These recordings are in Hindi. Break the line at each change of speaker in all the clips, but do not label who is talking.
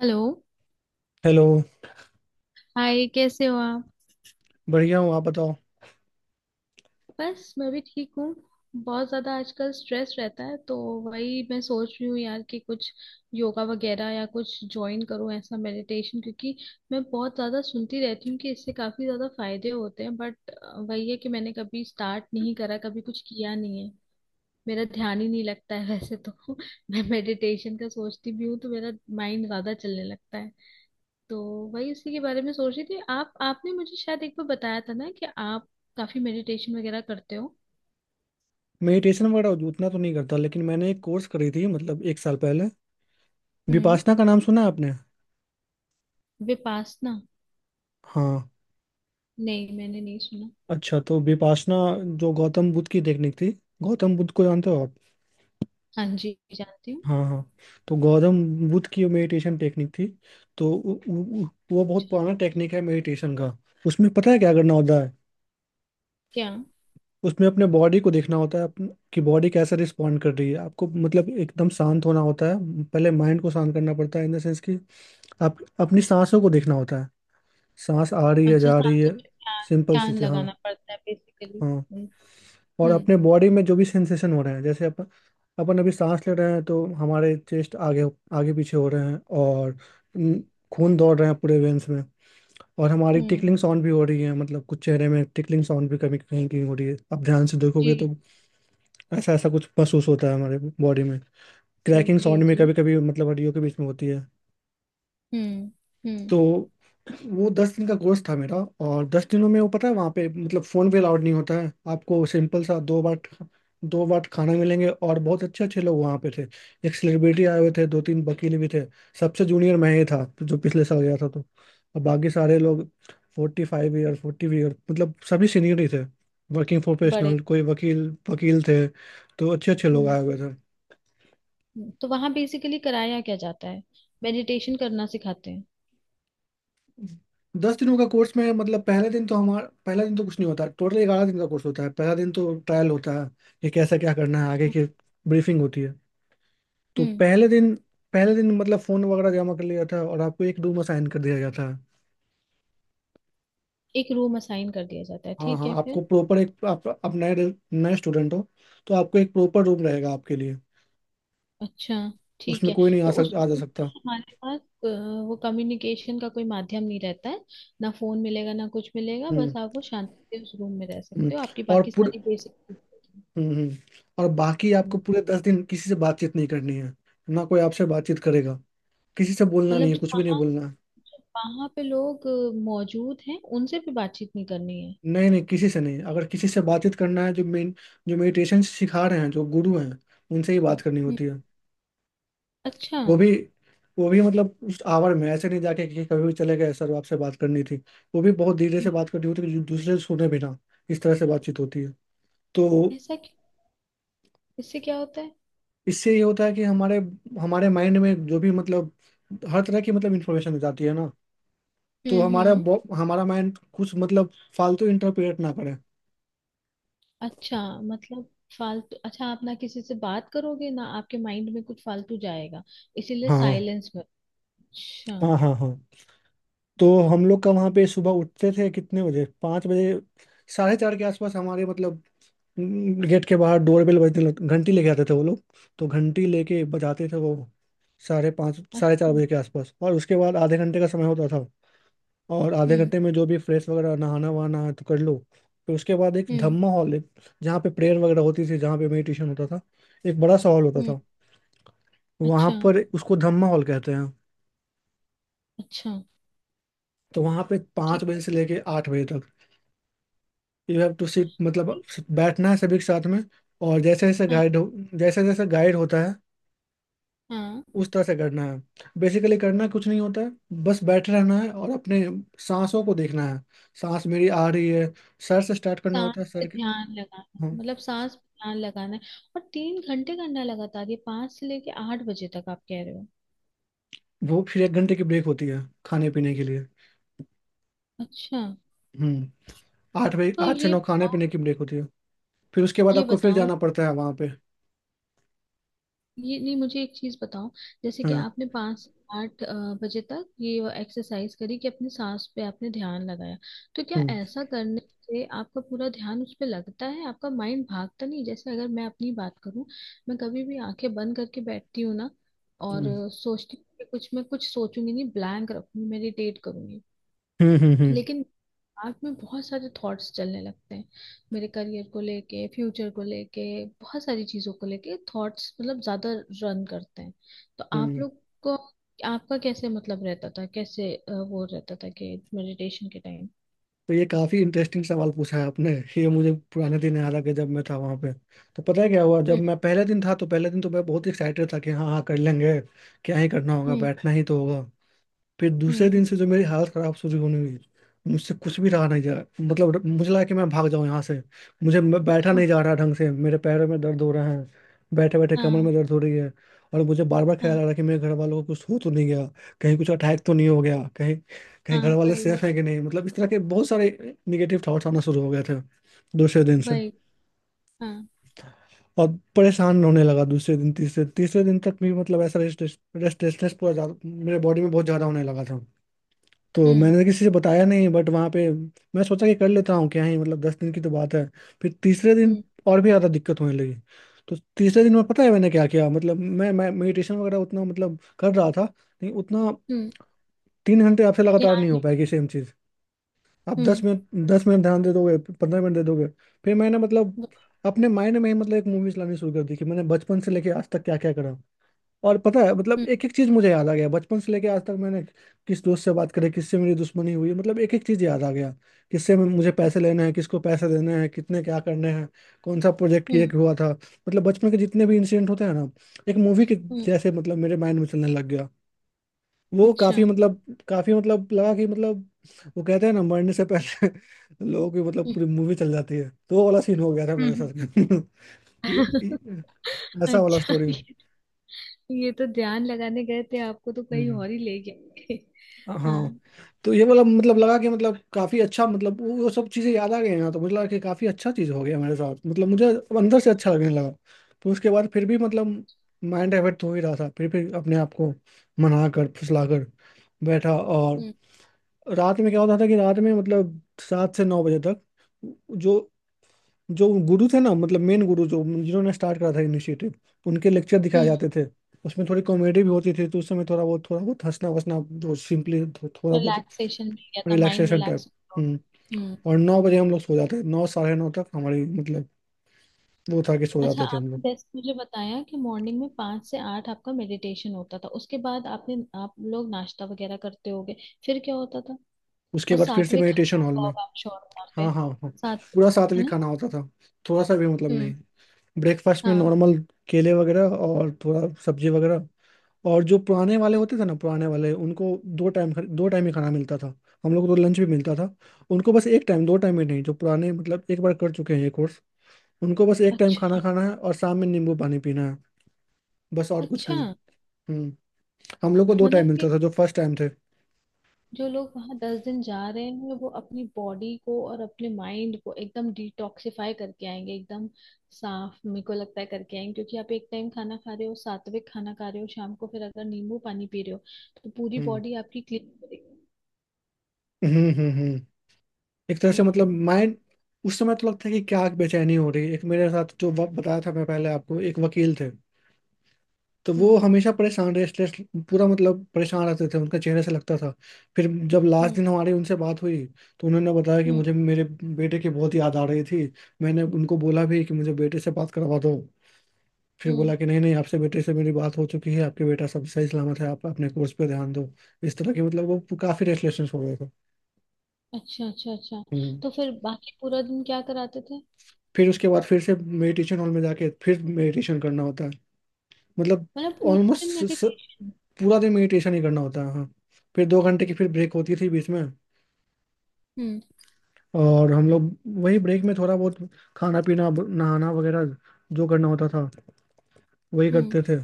हेलो।
हेलो।
हाय, कैसे हो आप?
बढ़िया हूँ आप बताओ।
बस, मैं भी ठीक हूँ। बहुत ज़्यादा आजकल स्ट्रेस रहता है तो वही मैं सोच रही हूँ यार कि कुछ योगा वगैरह या कुछ ज्वाइन करूँ ऐसा मेडिटेशन, क्योंकि मैं बहुत ज़्यादा सुनती रहती हूँ कि इससे काफ़ी ज़्यादा फायदे होते हैं, बट वही है कि मैंने कभी स्टार्ट नहीं करा, कभी कुछ किया नहीं है। मेरा ध्यान ही नहीं लगता है वैसे तो मैं मेडिटेशन का सोचती भी हूँ तो मेरा माइंड ज़्यादा चलने लगता है। तो वही उसी के बारे में सोच रही थी। आप आपने मुझे शायद एक बार बताया था ना कि आप काफी मेडिटेशन वगैरह करते हो।
मेडिटेशन वगैरह उतना तो नहीं करता, लेकिन मैंने एक कोर्स करी थी मतलब एक साल पहले।
हम्म।
विपासना का नाम सुना है आपने?
विपासना?
हाँ।
नहीं, मैंने नहीं सुना।
अच्छा तो विपासना जो गौतम बुद्ध की टेक्निक थी। गौतम बुद्ध को जानते हो?
हाँ जी, जानती हूँ।
हाँ हाँ। तो गौतम बुद्ध की मेडिटेशन टेक्निक थी। तो वो बहुत पुराना टेक्निक है मेडिटेशन का। उसमें पता है क्या करना होता है?
क्या?
उसमें अपने बॉडी को देखना होता है कि बॉडी कैसे रिस्पॉन्ड कर रही है आपको। मतलब एकदम शांत होना होता है, पहले माइंड को शांत करना पड़ता है, इन द सेंस कि आप अपनी सांसों को देखना होता है। सांस आ रही है,
अच्छा,
जा रही
सांसों
है।
पे ध्यान।
सिंपल सी
ध्यान
चीज़, हाँ।
लगाना पड़ता है बेसिकली।
हाँ,
हम्म।
और
हम्म।
अपने बॉडी में जो भी सेंसेशन हो रहे हैं, जैसे अपन अपन अभी सांस ले रहे हैं तो हमारे चेस्ट आगे आगे पीछे हो रहे हैं। और न- खून दौड़ रहे हैं पूरे वेन्स में। और हमारी
हम्म।
टिकलिंग साउंड भी हो रही है। मतलब कुछ चेहरे में टिकलिंग साउंड भी कभी कहीं कहीं हो रही है, आप ध्यान से देखोगे तो।
जी।
ऐसा ऐसा कुछ महसूस होता है हमारे बॉडी में।
जी।
क्रैकिंग
जी।
साउंड में
जी।
कभी कभी, मतलब हड्डियों के बीच में होती है।
हम्म। हम्म।
तो वो 10 दिन का कोर्स था मेरा। और 10 दिनों में वो पता है वहाँ पे मतलब फ़ोन भी अलाउड नहीं होता है आपको। सिंपल सा दो बार खाना मिलेंगे। और बहुत अच्छे अच्छे लोग वहाँ पे थे। एक सेलिब्रिटी आए हुए थे, दो तीन वकील भी थे। सबसे जूनियर मैं ही था जो पिछले साल गया था। तो और बाकी सारे लोग 45 ईयर, 40 ईयर, मतलब सभी सीनियर ही थे। वर्किंग
बड़े।
प्रोफेशनल, कोई वकील वकील थे तो। अच्छे अच्छे लोग
हम्म।
आए हुए थे।
हम्म। तो वहां बेसिकली कराया क्या जाता है? मेडिटेशन करना सिखाते हैं?
10 दिनों का कोर्स में मतलब पहले दिन तो हमारा पहला दिन तो कुछ नहीं होता। टोटल 11 दिन का कोर्स होता है, पहला दिन तो ट्रायल होता है कि कैसा क्या करना है, आगे
हम्म।
की ब्रीफिंग होती है। तो
हम्म।
पहले दिन मतलब फोन वगैरह जमा कर लिया जाता है और आपको एक रूम असाइन कर दिया जाता है।
एक रूम असाइन कर दिया जाता है,
हाँ
ठीक
हाँ।
है,
आपको
फिर?
प्रॉपर एक आप नए नए स्टूडेंट हो, तो आपको एक प्रॉपर रूम रहेगा आपके लिए।
अच्छा। ठीक
उसमें
है।
कोई नहीं
तो उस
आ जा सकता।
हमारे पास वो कम्युनिकेशन का कोई माध्यम नहीं रहता है। ना फोन मिलेगा ना कुछ मिलेगा, बस
हम्म।
आप वो शांति से उस रूम में रह
हम्म।
सकते हो, आपकी
और
बाकी
पूरे
सारी बेसिक चीजें।
हम्म। हम्म। और बाकी आपको
हम्म।
पूरे 10 दिन किसी से बातचीत नहीं करनी है, ना कोई आपसे बातचीत करेगा। किसी से बोलना
मतलब
नहीं है, कुछ भी नहीं बोलना है।
जो वहाँ पे लोग मौजूद हैं उनसे भी बातचीत नहीं करनी है?
नहीं नहीं, किसी से नहीं। अगर किसी से बातचीत करना है, जो मेडिटेशन सिखा रहे हैं, जो गुरु हैं, उनसे ही बात
हम्म।
करनी
हम्म।
होती है।
अच्छा।
वो भी वो भी मतलब उस आवर में ऐसे नहीं जाके कि कभी भी चले गए सर आपसे बात करनी थी। वो भी बहुत धीरे से
हम्म।
बात करनी होती है कि दूसरे सुने बिना। इस तरह से बातचीत होती है। तो
ऐसा क्यों? इससे क्या होता है?
इससे ये होता है कि हमारे हमारे माइंड में जो भी मतलब हर तरह की मतलब इंफॉर्मेशन जाती है ना। तो
हम्म। हम्म।
हमारा माइंड कुछ मतलब फालतू इंटरप्रेट ना करे।
अच्छा, मतलब फालतू, अच्छा, आप ना किसी से बात करोगे ना आपके माइंड में कुछ फालतू जाएगा, इसीलिए
हाँ
साइलेंस में। अच्छा।
हाँ हाँ हाँ। तो हम लोग का वहाँ पे सुबह उठते थे कितने बजे, 5 बजे, 4:30 के आसपास। हमारे मतलब गेट के बाहर डोर बेल बजने लग घंटी लेके आते थे वो लोग। तो घंटी लेके बजाते थे वो 5:30 साढ़े चार
अच्छा।
बजे के आसपास। और उसके बाद आधे घंटे का समय होता था। और आधे
हम्म।
घंटे में जो भी फ्रेश वगैरह नहाना वहाना है तो कर लो। फिर उसके बाद एक
हम्म।
धम्मा हॉल है, जहाँ पे प्रेयर वगैरह होती थी, जहाँ पे मेडिटेशन होता था। एक बड़ा सा हॉल होता
हम्म।
था। वहाँ
अच्छा।
पर उसको धम्मा हॉल कहते हैं।
अच्छा।
तो वहाँ पे पाँच
ठीक
बजे से लेके 8 बजे तक यू हैव टू सिट, मतलब
है।
बैठना है सभी के साथ में। और
हाँ।
जैसे जैसे गाइड होता है
हाँ।
उस तरह से करना है। बेसिकली करना कुछ नहीं होता है, बस बैठे रहना है और अपने सांसों को देखना है। सांस मेरी आ रही है। सर से स्टार्ट करना
सांस
होता है,
पे
सर के।
ध्यान लगाना
हाँ।
है, मतलब सांस पे ध्यान लगाना है? और 3 घंटे करना है लगातार, ये 5 से लेके 8 बजे तक आप कह रहे हो?
वो फिर 1 घंटे की ब्रेक होती है खाने पीने के लिए।
अच्छा।
हम्म। 8 बजे,
तो
आठ से
ये
नौ खाने
बताओ,
पीने की ब्रेक होती है। फिर उसके बाद
ये
आपको फिर
बताओ,
जाना पड़ता है वहाँ पे।
ये नहीं, मुझे एक चीज बताओ। जैसे कि
हाँ।
आपने 5 से 8 बजे तक ये एक्सरसाइज करी कि अपनी सांस पे आपने ध्यान लगाया, तो क्या
हम्म।
ऐसा करने से आपका पूरा ध्यान उस पे लगता है? आपका माइंड भागता नहीं? जैसे अगर मैं अपनी बात करूं, मैं कभी भी आंखें बंद करके बैठती हूँ ना, और
हम्म।
सोचती हूँ कि कुछ मैं कुछ सोचूंगी नहीं, ब्लैंक रखूंगी, मेडिटेट करूंगी।
हम्म। हम्म।
लेकिन दिमाग में बहुत सारे थॉट्स चलने लगते हैं, मेरे करियर को लेके, फ्यूचर को लेके, बहुत सारी चीजों को लेके थॉट्स मतलब ज्यादा रन करते हैं। तो आप
हम्म।
लोग को, आपका कैसे मतलब रहता था, कैसे वो रहता था कि मेडिटेशन के टाइम?
तो ये काफी इंटरेस्टिंग सवाल पूछा है आपने। ये मुझे पुराने दिन याद आ गए जब मैं था वहां पे। तो पता है क्या हुआ? जब
हम्म।
मैं पहले दिन था तो पहले दिन तो मैं बहुत एक्साइटेड था कि हाँ हाँ कर लेंगे, क्या ही करना होगा,
हम्म।
बैठना ही तो होगा। फिर दूसरे
हम्म।
दिन से जो मेरी हालत खराब शुरू होने हुई, मुझसे कुछ भी रहा नहीं जा। मतलब मुझे लगा कि मैं भाग जाऊं यहाँ से। मुझे मैं बैठा
हाँ।
नहीं जा रहा ढंग से, मेरे पैरों में दर्द हो रहा है, बैठे बैठे कमर
हाँ।
में दर्द हो रही है। और मुझे बार बार ख्याल आ
हाँ।
रहा है कि मेरे घर वालों को कुछ हो तो नहीं गया, कहीं कुछ अटैक तो नहीं हो गया कहीं,
हाँ,
घर वाले
वही।
सेफ है कि नहीं। मतलब इस तरह के बहुत सारे निगेटिव थॉट्स आना शुरू हो गए थे दूसरे दिन से।
वही। हाँ।
और परेशान होने लगा दूसरे दिन, तीसरे तीसरे दिन तक भी मतलब ऐसा रेस्टलेस रेस्टलेसनेस पूरा मेरे बॉडी में बहुत ज्यादा होने लगा था। तो
हम्म।
मैंने तो किसी से बताया नहीं बट वहाँ पे। मैं सोचा कि कर लेता हूँ, क्या ही मतलब 10 दिन की तो बात है। फिर तीसरे दिन
हम्म।
और भी ज़्यादा दिक्कत होने लगी। तो तीसरे दिन में पता है मैंने क्या किया? मतलब मैं मेडिटेशन वगैरह उतना मतलब कर रहा था नहीं उतना।
हम्म।
3 घंटे आपसे लगातार
ध्यान
नहीं हो
नहीं।
पाएगी सेम चीज़। आप
हम्म।
10 मिनट ध्यान दे दोगे, 15 मिनट दे दोगे। फिर मैंने मतलब
वही।
अपने माइंड में ही मतलब एक मूवीज लानी शुरू कर दी, कि मैंने बचपन से लेके आज तक क्या क्या करा। और पता है मतलब
हम्म।
एक एक चीज मुझे याद आ गया, बचपन से लेके आज तक मैंने किस दोस्त से बात करी, किससे मेरी दुश्मनी हुई, मतलब एक एक चीज याद आ गया। मुझे पैसे लेने हैं, किसको पैसे देने हैं, कितने क्या करने हैं, कौन सा प्रोजेक्ट ये
हम्म।
हुआ था। मतलब बचपन के जितने भी इंसिडेंट होते हैं ना, एक मूवी के
हम्म।
जैसे, मतलब मेरे माइंड में चलने लग गया। वो
अच्छा।
काफी मतलब लगा कि मतलब वो कहते हैं ना, मरने से पहले लोगों की मतलब
हम्म।
पूरी मूवी चल जाती है। तो वो वाला सीन हो गया था मेरे
हम्म।
साथ। कि ऐसा वाला
अच्छा।
स्टोरी,
ये तो ध्यान लगाने गए थे, आपको तो कहीं और ही ले गए
हाँ।
हाँ।
तो ये वाला मतलब लगा कि मतलब काफी अच्छा, मतलब वो सब चीजें याद आ गई ना, तो मुझे लगा कि काफी अच्छा चीज हो गया मेरे साथ, मतलब मुझे अब अंदर से अच्छा लगने लगा। तो उसके बाद फिर भी मतलब माइंड डाइवर्ट हो ही रहा था, फिर अपने आप को मना कर फुसला कर बैठा। और
हम्म।
रात में क्या होता था कि रात में मतलब 7 से 9 बजे तक जो जो गुरु थे ना, मतलब मेन गुरु, जो जिन्होंने स्टार्ट करा था इनिशिएटिव, उनके लेक्चर दिखाए
हम्म।
जाते थे। उसमें थोड़ी कॉमेडी भी होती थी, तो उस समय थोड़ा बहुत, हंसना वसना जो सिंपली थोड़ा बहुत
रिलैक्सेशन मिल गया था, माइंड
रिलैक्सेशन टाइप।
रिलैक्स हो
हम्म।
गया। हम्म।
और 9 बजे हम लोग सो जाते थे, 9, 9:30 तक हमारी मतलब वो था कि सो
अच्छा,
जाते थे हम
आपने
लोग।
जैसे मुझे बताया कि मॉर्निंग में 5 से 8 आपका मेडिटेशन होता था, उसके बाद आपने, आप लोग नाश्ता वगैरह करते होगे, फिर क्या होता था?
उसके
और
बाद फिर से
सात्विक खाना
मेडिटेशन हॉल
होता
में।
होगा आप, श्योर वहाँ पे?
हाँ हाँ हाँ।
सात्विक,
पूरा
है
सात्विक
ना?
खाना होता था, थोड़ा सा भी मतलब
हम्म।
नहीं। ब्रेकफास्ट में
हाँ,
नॉर्मल केले वगैरह और थोड़ा सब्जी वगैरह। और जो पुराने वाले
हाँ।
होते थे ना, पुराने वाले उनको दो टाइम ही खाना मिलता था। हम लोग को तो लंच भी मिलता था। उनको बस एक टाइम, दो टाइम में नहीं। जो पुराने मतलब एक बार कर चुके हैं ये कोर्स, उनको बस एक टाइम खाना
अच्छा।
खाना है और शाम में नींबू पानी पीना है, बस और कुछ
अच्छा।
नहीं। हम्म। हम लोग को दो
मतलब
टाइम मिलता
कि
था जो फर्स्ट टाइम थे।
जो लोग वहां 10 दिन जा रहे हैं वो अपनी बॉडी को और अपने माइंड को एकदम डिटॉक्सिफाई करके आएंगे, एकदम साफ, मेरे को लगता है, करके आएंगे, क्योंकि आप एक टाइम खाना खा रहे हो, सात्विक खाना खा रहे हो, शाम को फिर अगर नींबू पानी पी रहे हो तो पूरी
हम्म।
बॉडी आपकी क्लीन करेगी।
हम्म। हम्म। हम्म। एक तरह से मतलब
हम्म।
माइंड। उस समय तो लगता है कि क्या बेचैनी हो रही है। एक मेरे साथ जो वक्त बताया था मैं पहले आपको, एक वकील थे तो वो
हम्म।
हमेशा परेशान, रेस्टलेस पूरा मतलब परेशान रहते थे, उनका चेहरे से लगता था। फिर जब लास्ट
हम्म।
दिन हमारी उनसे बात हुई, तो उन्होंने बताया कि
हम्म।
मुझे मेरे बेटे की बहुत याद आ रही थी। मैंने उनको बोला भी कि मुझे बेटे से बात करवा दो। फिर
हम्म।
बोला कि नहीं नहीं आपसे, बेटे से मेरी बात हो चुकी है, आपके बेटा सब सही सलामत है, आप अपने कोर्स पे ध्यान दो। इस तरह की मतलब वो काफ़ी रेस्टलेसनेस हो गए थे।
अच्छा। अच्छा। अच्छा।
हम्म।
तो फिर बाकी पूरा दिन क्या कराते थे?
फिर उसके बाद फिर से मेडिटेशन हॉल में जाके फिर मेडिटेशन करना होता है। मतलब
मतलब पूरा दिन
ऑलमोस्ट
मेडिटेशन?
पूरा दिन मेडिटेशन ही करना होता है, हाँ। फिर 2 घंटे की फिर ब्रेक होती थी बीच में।
हम्म।
और हम लोग वही ब्रेक में थोड़ा बहुत खाना पीना नहाना वगैरह जो करना होता था वही
हम्म।
करते थे।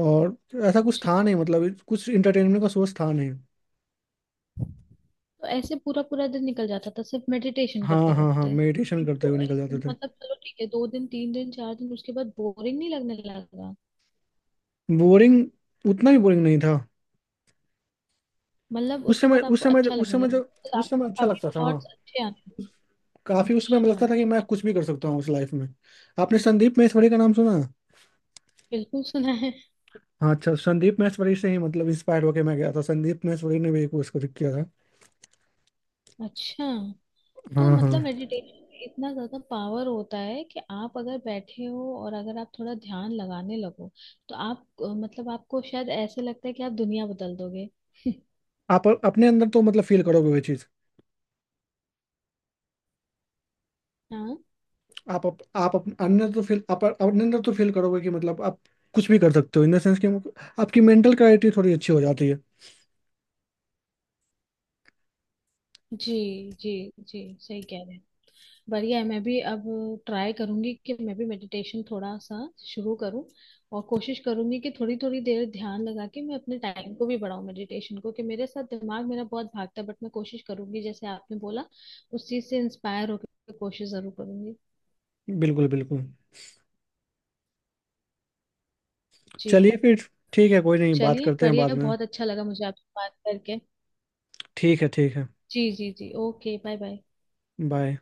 और ऐसा कुछ
अच्छा।
था नहीं मतलब कुछ इंटरटेनमेंट का सोर्स था नहीं।
तो ऐसे पूरा पूरा दिन निकल जाता था सिर्फ मेडिटेशन
हाँ
करते
हाँ हाँ।
करते?
मेडिटेशन करते हुए निकल जाते थे।
मतलब चलो ठीक है, 2 दिन, 3 दिन, 4 दिन उसके बाद बोरिंग नहीं लगने लगा?
बोरिंग, उतना भी बोरिंग नहीं था।
मतलब
उस
उसके
समय
बाद
उस
आपको
समय
अच्छा
उस
लगने
समय जो
लगा? तो
उस
आपको
समय अच्छा
काफी
लगता था,
थॉट्स
हाँ।
अच्छे आने लगे?
काफी उस समय
अच्छा।
लगता था कि मैं कुछ भी कर सकता हूँ उस लाइफ में। आपने संदीप महेश्वरी का नाम सुना?
बिल्कुल सुना है।
हाँ अच्छा, संदीप महेश्वरी से ही मतलब इंस्पायर होके मैं गया था, संदीप महेश्वरी ने भी कुछ कुछ किया था।
अच्छा, तो
हाँ हाँ।
मतलब मेडिटेशन में इतना ज्यादा पावर होता है कि आप अगर बैठे हो और अगर आप थोड़ा ध्यान लगाने लगो तो आप मतलब आपको शायद ऐसे लगता है कि आप दुनिया बदल दोगे?
आप अपने अंदर तो मतलब फील करोगे वो चीज़।
हाँ।
आप अपने अंदर तो फील करोगे कि मतलब आप कुछ भी कर सकते हो, इन द सेंस कि आपकी मेंटल क्लैरिटी थोड़ी अच्छी हो जाती है।
जी। जी। जी सही कह रहे हैं। बढ़िया है। मैं भी अब ट्राई करूंगी कि मैं भी मेडिटेशन थोड़ा सा शुरू करूं, और कोशिश करूंगी कि थोड़ी थोड़ी देर ध्यान लगा के मैं अपने टाइम को भी बढ़ाऊं मेडिटेशन को, कि मेरे साथ दिमाग मेरा बहुत भागता है, बट मैं कोशिश करूंगी जैसे आपने बोला, उस चीज से इंस्पायर होकर कोशिश जरूर करूंगी।
बिल्कुल बिल्कुल।
जी।
चलिए फिर, ठीक है कोई नहीं, बात
चलिए,
करते हैं बाद
बढ़िया,
में।
बहुत अच्छा लगा मुझे आपसे बात करके।
ठीक है ठीक है।
जी, जी, जी, ओके, बाय बाय।
बाय।